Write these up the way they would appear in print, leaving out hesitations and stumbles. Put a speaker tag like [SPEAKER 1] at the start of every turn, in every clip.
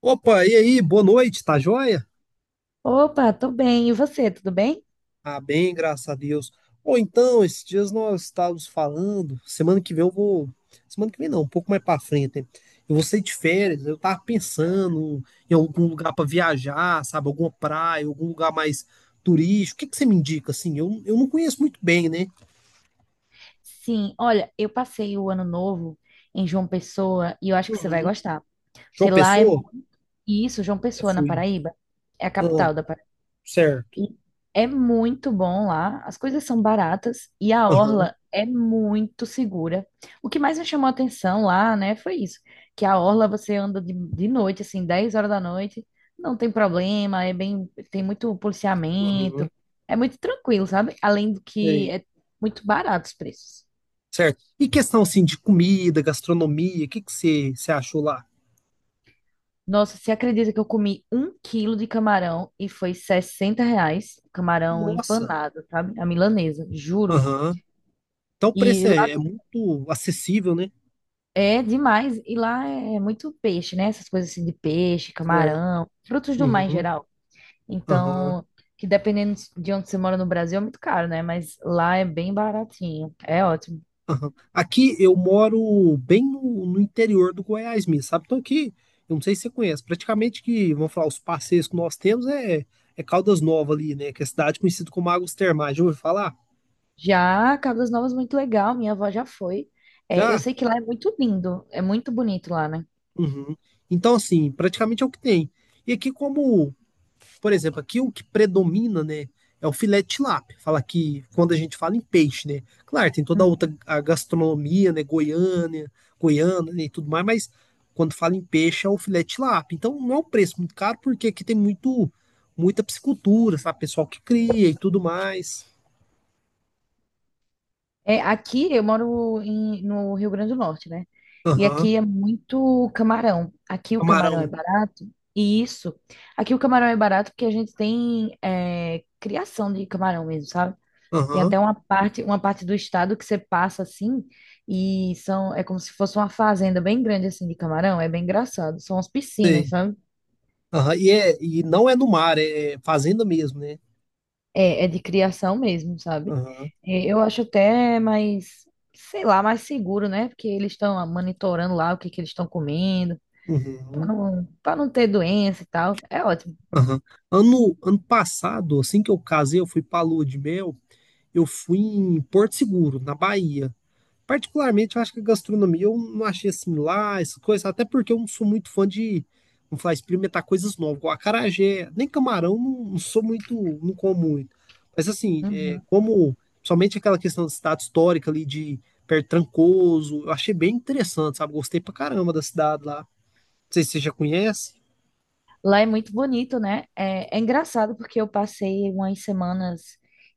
[SPEAKER 1] Opa, e aí, boa noite, tá joia?
[SPEAKER 2] Opa, tô bem. E você, tudo bem?
[SPEAKER 1] Ah, bem, graças a Deus. Ou então, esses dias nós estávamos falando, semana que vem semana que vem não, um pouco mais pra frente, né? Eu vou sair de férias, eu tava pensando em algum lugar pra viajar, sabe, alguma praia, algum lugar mais turístico. O que que você me indica, assim? Eu não conheço muito bem, né?
[SPEAKER 2] Sim, olha, eu passei o ano novo em João Pessoa e eu acho que você vai
[SPEAKER 1] Uhum,
[SPEAKER 2] gostar, porque
[SPEAKER 1] João
[SPEAKER 2] lá é
[SPEAKER 1] Pessoa?
[SPEAKER 2] isso, João
[SPEAKER 1] Nunca
[SPEAKER 2] Pessoa, na
[SPEAKER 1] fui.
[SPEAKER 2] Paraíba, é a
[SPEAKER 1] Ah,
[SPEAKER 2] capital da Paraíba.
[SPEAKER 1] certo.
[SPEAKER 2] E é muito bom lá, as coisas são baratas e a
[SPEAKER 1] Aham,
[SPEAKER 2] orla é muito segura. O que mais me chamou a atenção lá, né, foi isso, que a orla você anda de noite, assim, 10 horas da noite, não tem problema, é bem, tem muito
[SPEAKER 1] uhum,
[SPEAKER 2] policiamento, é muito tranquilo, sabe? Além do que
[SPEAKER 1] sei.
[SPEAKER 2] é muito barato os preços.
[SPEAKER 1] Certo. E questão, assim, de comida, gastronomia, o que que você achou lá?
[SPEAKER 2] Nossa, você acredita que eu comi um quilo de camarão e foi R$ 60? Camarão
[SPEAKER 1] Nossa.
[SPEAKER 2] empanado, sabe? A milanesa, juro.
[SPEAKER 1] Aham. Então o preço
[SPEAKER 2] E
[SPEAKER 1] é,
[SPEAKER 2] lá
[SPEAKER 1] é muito acessível, né?
[SPEAKER 2] É demais. E lá é muito peixe, né? Essas coisas assim de peixe,
[SPEAKER 1] Certo.
[SPEAKER 2] camarão, frutos do mar em
[SPEAKER 1] Uhum.
[SPEAKER 2] geral.
[SPEAKER 1] Aham.
[SPEAKER 2] Então, que dependendo de onde você mora no Brasil é muito caro, né? Mas lá é bem baratinho. É ótimo.
[SPEAKER 1] Aham. Aqui eu moro bem no interior do Goiás mesmo, sabe? Então aqui, eu não sei se você conhece, praticamente que, vamos falar, os passeios que nós temos é Caldas Novas ali, né? Que é a cidade conhecida como Águas Termais. Já ouviu falar?
[SPEAKER 2] Já Cabo das Novas, muito legal. Minha avó já foi. É, eu
[SPEAKER 1] Já?
[SPEAKER 2] sei que lá é muito lindo. É muito bonito lá, né?
[SPEAKER 1] Uhum. Então, assim, praticamente é o que tem. E aqui, como por exemplo, aqui o que predomina, né, é o filé de tilápia. Fala que quando a gente fala em peixe, né, claro, tem toda a outra a gastronomia, né, Goiânia né, e tudo mais, mas quando fala em peixe é o filé de tilápia. Então não é um preço muito caro porque aqui tem muito muita piscicultura, sabe, pessoal que cria e tudo mais.
[SPEAKER 2] É, aqui eu moro no Rio Grande do Norte, né? E
[SPEAKER 1] Aham.
[SPEAKER 2] aqui é muito camarão. Aqui o camarão é
[SPEAKER 1] Camarão.
[SPEAKER 2] barato, e isso. Aqui o camarão é barato porque a gente tem é, criação de camarão mesmo, sabe? Tem
[SPEAKER 1] Aham.
[SPEAKER 2] até uma parte do estado que você passa assim, e são, é como se fosse uma fazenda bem grande assim de camarão. É bem engraçado. São as piscinas,
[SPEAKER 1] Sei.
[SPEAKER 2] sabe?
[SPEAKER 1] Aham. E não é no mar, é fazenda mesmo, né?
[SPEAKER 2] É, é de criação mesmo, sabe?
[SPEAKER 1] Aham.
[SPEAKER 2] É, eu acho até mais, sei lá, mais seguro, né? Porque eles estão monitorando lá o que que eles estão comendo, para
[SPEAKER 1] Uhum.
[SPEAKER 2] não, para não ter doença e tal. É ótimo.
[SPEAKER 1] Aham. Ano passado, assim que eu casei, eu fui pra Lua de Mel, eu fui em Porto Seguro, na Bahia. Particularmente, eu acho que a gastronomia eu não achei assim lá, essas coisas, até porque eu não sou muito fã de, vamos falar, experimentar coisas novas, igual acarajé, nem camarão, não sou muito, não como muito. Mas assim, é,
[SPEAKER 2] Uhum.
[SPEAKER 1] como, somente aquela questão da cidade histórica ali de perto de Trancoso, eu achei bem interessante, sabe? Gostei pra caramba da cidade lá. Não sei se você já conhece.
[SPEAKER 2] Lá é muito bonito, né? É, é engraçado porque eu passei umas semanas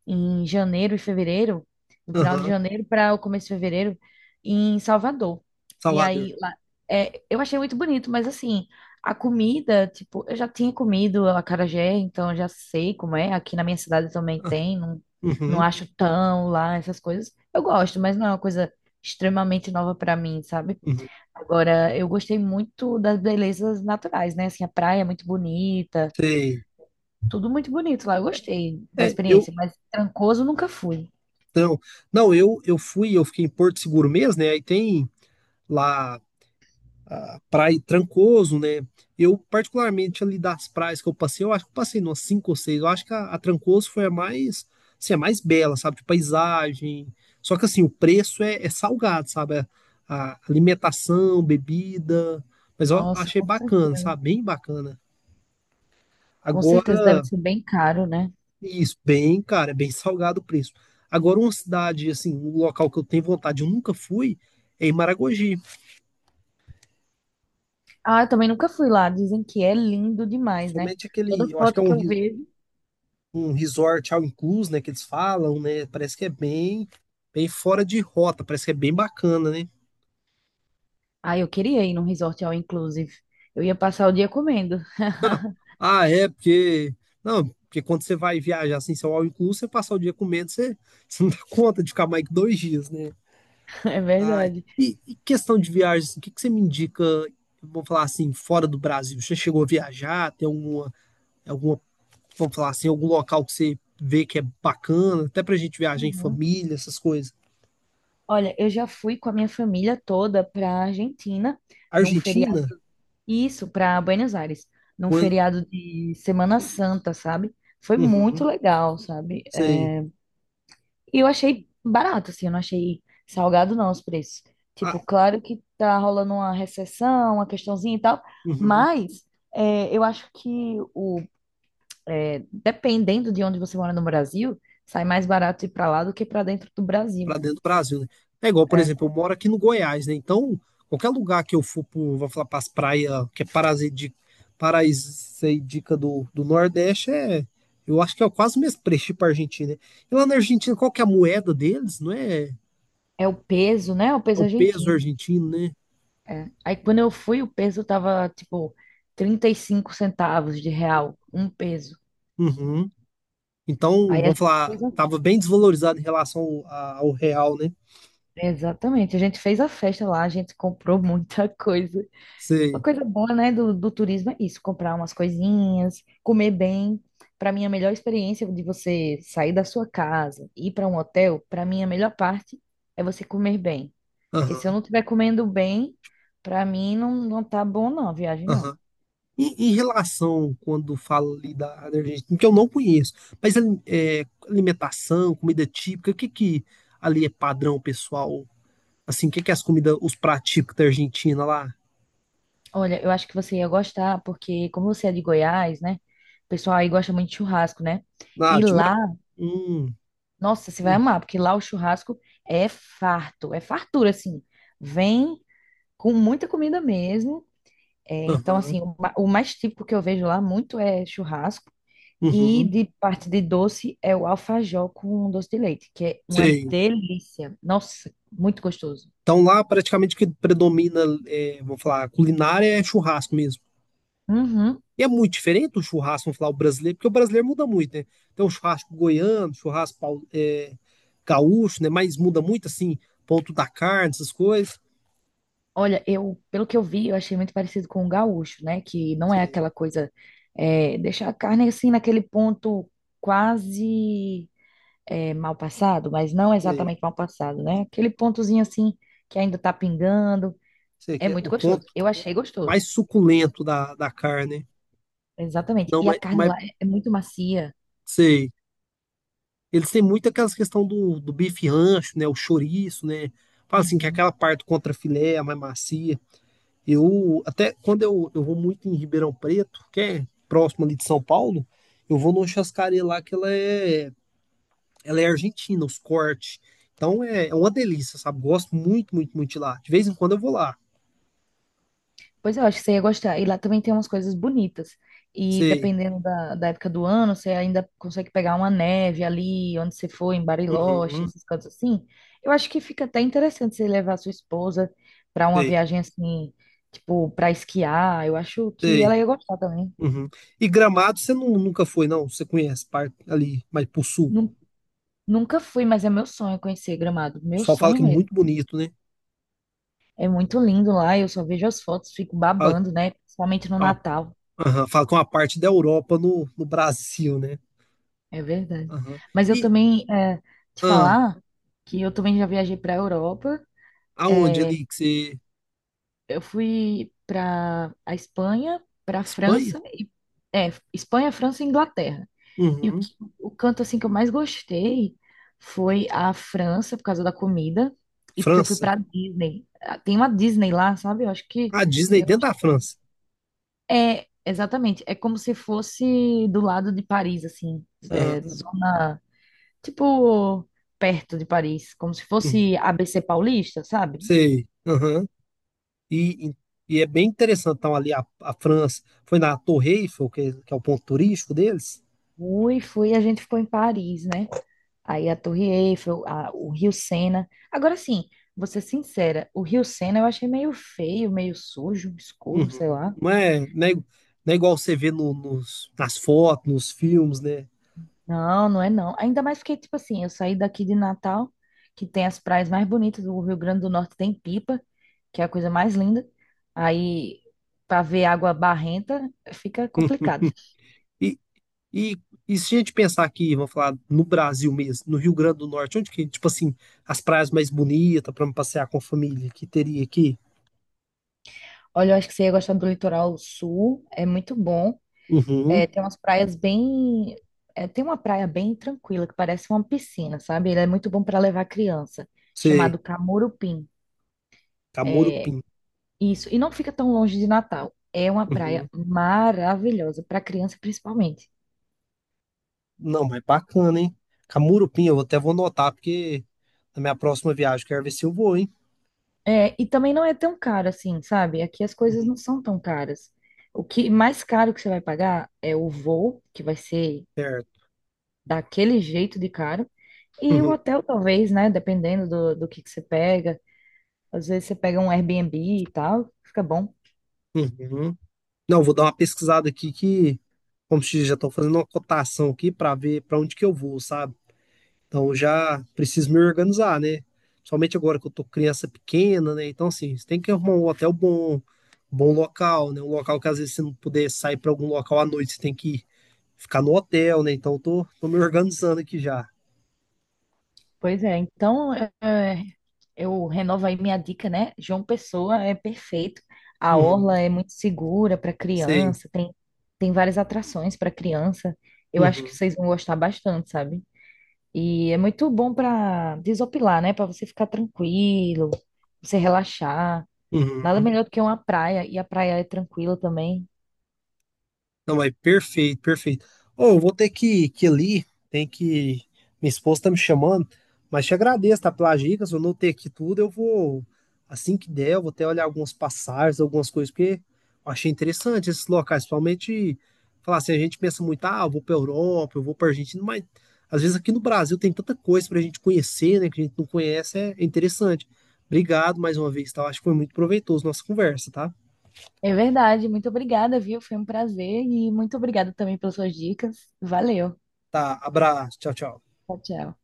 [SPEAKER 2] em janeiro e fevereiro, no final de
[SPEAKER 1] Aham,
[SPEAKER 2] janeiro para o começo de fevereiro, em Salvador. E
[SPEAKER 1] Salvador.
[SPEAKER 2] aí lá, é, eu achei muito bonito, mas assim, a comida, tipo, eu já tinha comido acarajé, então eu já sei como é. Aqui na minha cidade também tem, não, não
[SPEAKER 1] Uhum,
[SPEAKER 2] acho tão lá essas coisas. Eu gosto, mas não é uma coisa extremamente nova para mim, sabe?
[SPEAKER 1] uhum,
[SPEAKER 2] Agora, eu gostei muito das belezas naturais, né? Assim, a praia é muito bonita,
[SPEAKER 1] sei.
[SPEAKER 2] tudo muito bonito lá. Eu gostei da
[SPEAKER 1] É, eu,
[SPEAKER 2] experiência, mas Trancoso nunca fui.
[SPEAKER 1] então, não, eu fui, eu fiquei em Porto Seguro mesmo, né? Aí tem lá a Praia Trancoso, né? Eu, particularmente, ali das praias que eu passei, eu acho que eu passei umas cinco ou seis. Eu acho que a Trancoso foi a mais, assim, a mais bela, sabe? De paisagem. Só que, assim, o preço é salgado, sabe? A alimentação, bebida. Mas eu
[SPEAKER 2] Nossa,
[SPEAKER 1] achei
[SPEAKER 2] com
[SPEAKER 1] bacana,
[SPEAKER 2] certeza.
[SPEAKER 1] sabe? Bem bacana.
[SPEAKER 2] Com certeza deve ser bem caro, né?
[SPEAKER 1] Isso, bem, cara, é bem salgado o preço. Agora, uma cidade, assim, um local que eu tenho vontade, eu nunca fui, é em Maragogi.
[SPEAKER 2] Ah, eu também nunca fui lá. Dizem que é lindo demais, né?
[SPEAKER 1] Somente
[SPEAKER 2] Toda
[SPEAKER 1] aquele, eu acho que é
[SPEAKER 2] foto que eu vejo.
[SPEAKER 1] um resort all inclusive, né, que eles falam, né? Parece que é bem, bem fora de rota, parece que é bem bacana, né?
[SPEAKER 2] Ah, eu queria ir num resort all inclusive. Eu ia passar o dia comendo.
[SPEAKER 1] Ah, é, porque. Não, porque quando você vai viajar assim, seu all inclusive, você passar o dia comendo, você, você não dá conta de ficar mais que dois dias, né?
[SPEAKER 2] É
[SPEAKER 1] Ah,
[SPEAKER 2] verdade.
[SPEAKER 1] e questão de viagem, assim, o que que você me indica, vamos falar assim, fora do Brasil? Você chegou a viajar, tem alguma, vamos falar assim, algum local que você vê que é bacana, até pra gente viajar em
[SPEAKER 2] Uhum.
[SPEAKER 1] família, essas coisas.
[SPEAKER 2] Olha, eu já fui com a minha família toda pra Argentina num feriado
[SPEAKER 1] Argentina,
[SPEAKER 2] Isso, para Buenos Aires, num
[SPEAKER 1] quando,
[SPEAKER 2] feriado de Semana Santa, sabe? Foi muito
[SPEAKER 1] uhum,
[SPEAKER 2] legal, sabe? É,
[SPEAKER 1] sei,
[SPEAKER 2] E eu achei barato, assim, eu não achei salgado não os preços.
[SPEAKER 1] ah,
[SPEAKER 2] Tipo, claro que tá rolando uma recessão, uma questãozinha e tal,
[SPEAKER 1] uhum,
[SPEAKER 2] mas é, eu acho que o, é, dependendo de onde você mora no Brasil, sai mais barato ir para lá do que para dentro do Brasil.
[SPEAKER 1] pra dentro do Brasil, né? É igual, por
[SPEAKER 2] É,
[SPEAKER 1] exemplo, eu moro aqui no Goiás, né? Então, qualquer lugar que eu for pro, vou falar pras praias, que é paradisíaca, paradisíaca do Nordeste, é, eu acho que é quase o mesmo preço pra Argentina, né? E lá na Argentina, qual que é a moeda deles, não é?
[SPEAKER 2] é o peso, né? É o
[SPEAKER 1] É
[SPEAKER 2] peso
[SPEAKER 1] o peso
[SPEAKER 2] argentino.
[SPEAKER 1] argentino, né?
[SPEAKER 2] É. Aí quando eu fui, o peso tava tipo 35 centavos de real, um peso.
[SPEAKER 1] Uhum. Então,
[SPEAKER 2] Aí a
[SPEAKER 1] vamos
[SPEAKER 2] gente
[SPEAKER 1] falar,
[SPEAKER 2] fez a...
[SPEAKER 1] estava bem desvalorizado em relação ao real, né?
[SPEAKER 2] Exatamente, a gente fez a festa lá, a gente comprou muita coisa. Uma
[SPEAKER 1] Sei.
[SPEAKER 2] coisa boa, né, do turismo é isso, comprar umas coisinhas, comer bem. Para mim, a melhor experiência de você sair da sua casa e ir para um hotel, para mim, a melhor parte é você comer bem. Porque se eu
[SPEAKER 1] Aham,
[SPEAKER 2] não estiver comendo bem, para mim não tá bom não, a viagem não.
[SPEAKER 1] aham. E em relação, quando fala ali da Argentina, que eu não conheço, mas é, alimentação, comida típica, o que que ali é padrão, pessoal? Assim, o que que é as comidas, os pratos típicos da Argentina lá?
[SPEAKER 2] Olha, eu acho que você ia gostar, porque como você é de Goiás, né? O pessoal aí gosta muito de churrasco, né?
[SPEAKER 1] Ah,
[SPEAKER 2] E
[SPEAKER 1] de ma...
[SPEAKER 2] lá,
[SPEAKER 1] Hum,
[SPEAKER 2] nossa, você vai
[SPEAKER 1] hum,
[SPEAKER 2] amar, porque lá o churrasco é farto, é fartura, assim. Vem com muita comida mesmo. É, então,
[SPEAKER 1] aham,
[SPEAKER 2] assim, o mais típico que eu vejo lá muito é churrasco. E
[SPEAKER 1] uhum,
[SPEAKER 2] de parte de doce é o alfajor com doce de leite, que é uma
[SPEAKER 1] sei.
[SPEAKER 2] delícia. Nossa, muito gostoso.
[SPEAKER 1] Então lá praticamente o que predomina, é, vamos falar, culinária é churrasco mesmo.
[SPEAKER 2] Uhum.
[SPEAKER 1] E é muito diferente o churrasco, vamos falar, o brasileiro, porque o brasileiro muda muito, né? Tem o churrasco goiano, gaúcho, né? Mas muda muito, assim, ponto da carne, essas coisas.
[SPEAKER 2] Olha, eu, pelo que eu vi, eu achei muito parecido com o gaúcho, né? Que não é
[SPEAKER 1] Sei,
[SPEAKER 2] aquela coisa, é, deixar a carne assim naquele ponto quase é, mal passado, mas não
[SPEAKER 1] sei,
[SPEAKER 2] exatamente mal passado, né? Aquele pontozinho assim que ainda tá pingando.
[SPEAKER 1] sei
[SPEAKER 2] É
[SPEAKER 1] que é
[SPEAKER 2] muito
[SPEAKER 1] o ponto
[SPEAKER 2] gostoso. Eu achei gostoso.
[SPEAKER 1] mais suculento da carne, né?
[SPEAKER 2] Exatamente.
[SPEAKER 1] Não,
[SPEAKER 2] E a
[SPEAKER 1] mas,
[SPEAKER 2] carne
[SPEAKER 1] mas
[SPEAKER 2] lá é muito macia.
[SPEAKER 1] sei. Eles têm muito aquelas questão do bife rancho, né? O chouriço, né? Fala assim, que é
[SPEAKER 2] Uhum.
[SPEAKER 1] aquela parte contra filé, a mais macia. Eu até eu vou muito em Ribeirão Preto, que é próximo ali de São Paulo, eu vou numa chascaria lá que ela é argentina, os cortes. Então é uma delícia, sabe? Gosto muito, muito, muito de lá. De vez em quando eu vou lá.
[SPEAKER 2] Pois eu acho que você ia gostar. E lá também tem umas coisas bonitas. E
[SPEAKER 1] Sei.
[SPEAKER 2] dependendo da época do ano, você ainda consegue pegar uma neve ali, onde você for, em Bariloche,
[SPEAKER 1] Uhum,
[SPEAKER 2] esses cantos assim. Eu acho que fica até interessante você levar a sua esposa para uma
[SPEAKER 1] sei,
[SPEAKER 2] viagem assim, tipo, para esquiar. Eu acho que
[SPEAKER 1] sei.
[SPEAKER 2] ela ia gostar também.
[SPEAKER 1] Uhum. E Gramado você nunca foi, não? Você conhece, parte ali, mas pro sul. O
[SPEAKER 2] Nun- Nunca fui, mas é meu sonho conhecer Gramado. Meu
[SPEAKER 1] pessoal fala
[SPEAKER 2] sonho
[SPEAKER 1] que é
[SPEAKER 2] mesmo.
[SPEAKER 1] muito bonito, né?
[SPEAKER 2] É muito lindo lá, eu só vejo as fotos, fico
[SPEAKER 1] Fala, que
[SPEAKER 2] babando, né? Principalmente no
[SPEAKER 1] é uma-
[SPEAKER 2] Natal.
[SPEAKER 1] aham, fala que é uma parte da Europa no Brasil, né?
[SPEAKER 2] É verdade.
[SPEAKER 1] Aham.
[SPEAKER 2] Mas eu
[SPEAKER 1] E
[SPEAKER 2] também, é, te
[SPEAKER 1] ah,
[SPEAKER 2] falar que eu também já viajei para a Europa.
[SPEAKER 1] aonde
[SPEAKER 2] É,
[SPEAKER 1] ali que você,
[SPEAKER 2] eu fui para a Espanha, para a
[SPEAKER 1] Espanha?
[SPEAKER 2] França, e, é, Espanha, França e Inglaterra. E
[SPEAKER 1] Uhum.
[SPEAKER 2] o canto assim que eu mais gostei foi a França, por causa da comida, e porque eu fui
[SPEAKER 1] França.
[SPEAKER 2] para Disney. Ah, tem uma Disney lá, sabe? Eu acho que
[SPEAKER 1] A Disney
[SPEAKER 2] você
[SPEAKER 1] dentro
[SPEAKER 2] gosta
[SPEAKER 1] da
[SPEAKER 2] também.
[SPEAKER 1] França.
[SPEAKER 2] É, exatamente. É como se fosse do lado de Paris, assim, é,
[SPEAKER 1] Aham.
[SPEAKER 2] zona. Tipo, perto de Paris, como se
[SPEAKER 1] Uhum.
[SPEAKER 2] fosse ABC Paulista, sabe?
[SPEAKER 1] Sei. Aham. E, e, e é bem interessante. Então, ali a França foi na Torre Eiffel, que é o ponto turístico deles.
[SPEAKER 2] Fui, fui, a gente ficou em Paris, né? Aí a Torre Eiffel, o Rio Sena. Agora sim, vou ser sincera, o Rio Sena eu achei meio feio, meio sujo, escuro,
[SPEAKER 1] Uhum.
[SPEAKER 2] sei lá.
[SPEAKER 1] Não é igual você vê nos, nas fotos, nos filmes, né?
[SPEAKER 2] Não, não é não. Ainda mais porque, tipo assim, eu saí daqui de Natal, que tem as praias mais bonitas do Rio Grande do Norte, tem Pipa, que é a coisa mais linda. Aí, pra ver água barrenta, fica complicado.
[SPEAKER 1] E, e, e se a gente pensar aqui, vamos falar no Brasil mesmo, no Rio Grande do Norte, onde que, tipo assim, as praias mais bonitas para passear com a família que teria aqui?
[SPEAKER 2] Olha, eu acho que você ia gostar do litoral sul, é muito bom.
[SPEAKER 1] Uhum,
[SPEAKER 2] É, tem umas praias bem. É, tem uma praia bem tranquila, que parece uma piscina, sabe? Ele é muito bom para levar criança,
[SPEAKER 1] sei,
[SPEAKER 2] chamado Camurupim.
[SPEAKER 1] Camorupim.
[SPEAKER 2] Isso, e não fica tão longe de Natal. É uma praia
[SPEAKER 1] Uhum.
[SPEAKER 2] maravilhosa, para criança principalmente.
[SPEAKER 1] Não, mas bacana, hein? Camurupim, eu até vou anotar, porque na minha próxima viagem eu quero ver se eu vou, hein?
[SPEAKER 2] É, e também não é tão caro assim, sabe? Aqui as coisas
[SPEAKER 1] Uhum,
[SPEAKER 2] não são tão caras. O que mais caro que você vai pagar é o voo, que vai ser
[SPEAKER 1] certo.
[SPEAKER 2] daquele jeito de caro. E o
[SPEAKER 1] Uhum,
[SPEAKER 2] hotel, talvez, né? Dependendo do que você pega. Às vezes você pega um Airbnb e tal, fica bom.
[SPEAKER 1] uhum. Não, vou dar uma pesquisada aqui que, como se diz, já estou fazendo uma cotação aqui para ver para onde que eu vou, sabe? Então eu já preciso me organizar, né? Principalmente agora que eu tô criança pequena, né? Então, assim, você tem que arrumar um hotel bom, bom local, né? Um local que às vezes você não puder sair para algum local à noite, você tem que ficar no hotel, né? Então tô me organizando aqui já.
[SPEAKER 2] Pois é, então é, eu renovo aí minha dica, né? João Pessoa é perfeito. A
[SPEAKER 1] Uhum.
[SPEAKER 2] orla é muito segura para
[SPEAKER 1] Sei.
[SPEAKER 2] criança, tem, tem várias atrações para criança. Eu acho que
[SPEAKER 1] Uhum,
[SPEAKER 2] vocês vão gostar bastante, sabe? E é muito bom para desopilar, né? Para você ficar tranquilo, você relaxar. Nada
[SPEAKER 1] uhum.
[SPEAKER 2] melhor do que uma praia, e a praia é tranquila também.
[SPEAKER 1] Não, mas perfeito, perfeito. Ô, eu vou ter que ir ali, tem que. Minha esposa tá me chamando, mas te agradeço, tá, pelas dicas, eu anotei aqui tudo, eu vou, assim que der, eu vou até olhar alguns passagens, algumas coisas, porque eu achei interessante esses locais, principalmente, falar assim, a gente pensa muito, ah, eu vou pra Europa, eu vou pra Argentina, mas às vezes aqui no Brasil tem tanta coisa pra gente conhecer, né, que a gente não conhece, é interessante. Obrigado mais uma vez, tá? Eu acho que foi muito proveitoso nossa conversa, tá?
[SPEAKER 2] É verdade. Muito obrigada, viu? Foi um prazer e muito obrigada também pelas suas dicas. Valeu.
[SPEAKER 1] Tá, abraço. Tchau, tchau.
[SPEAKER 2] Tchau, tchau.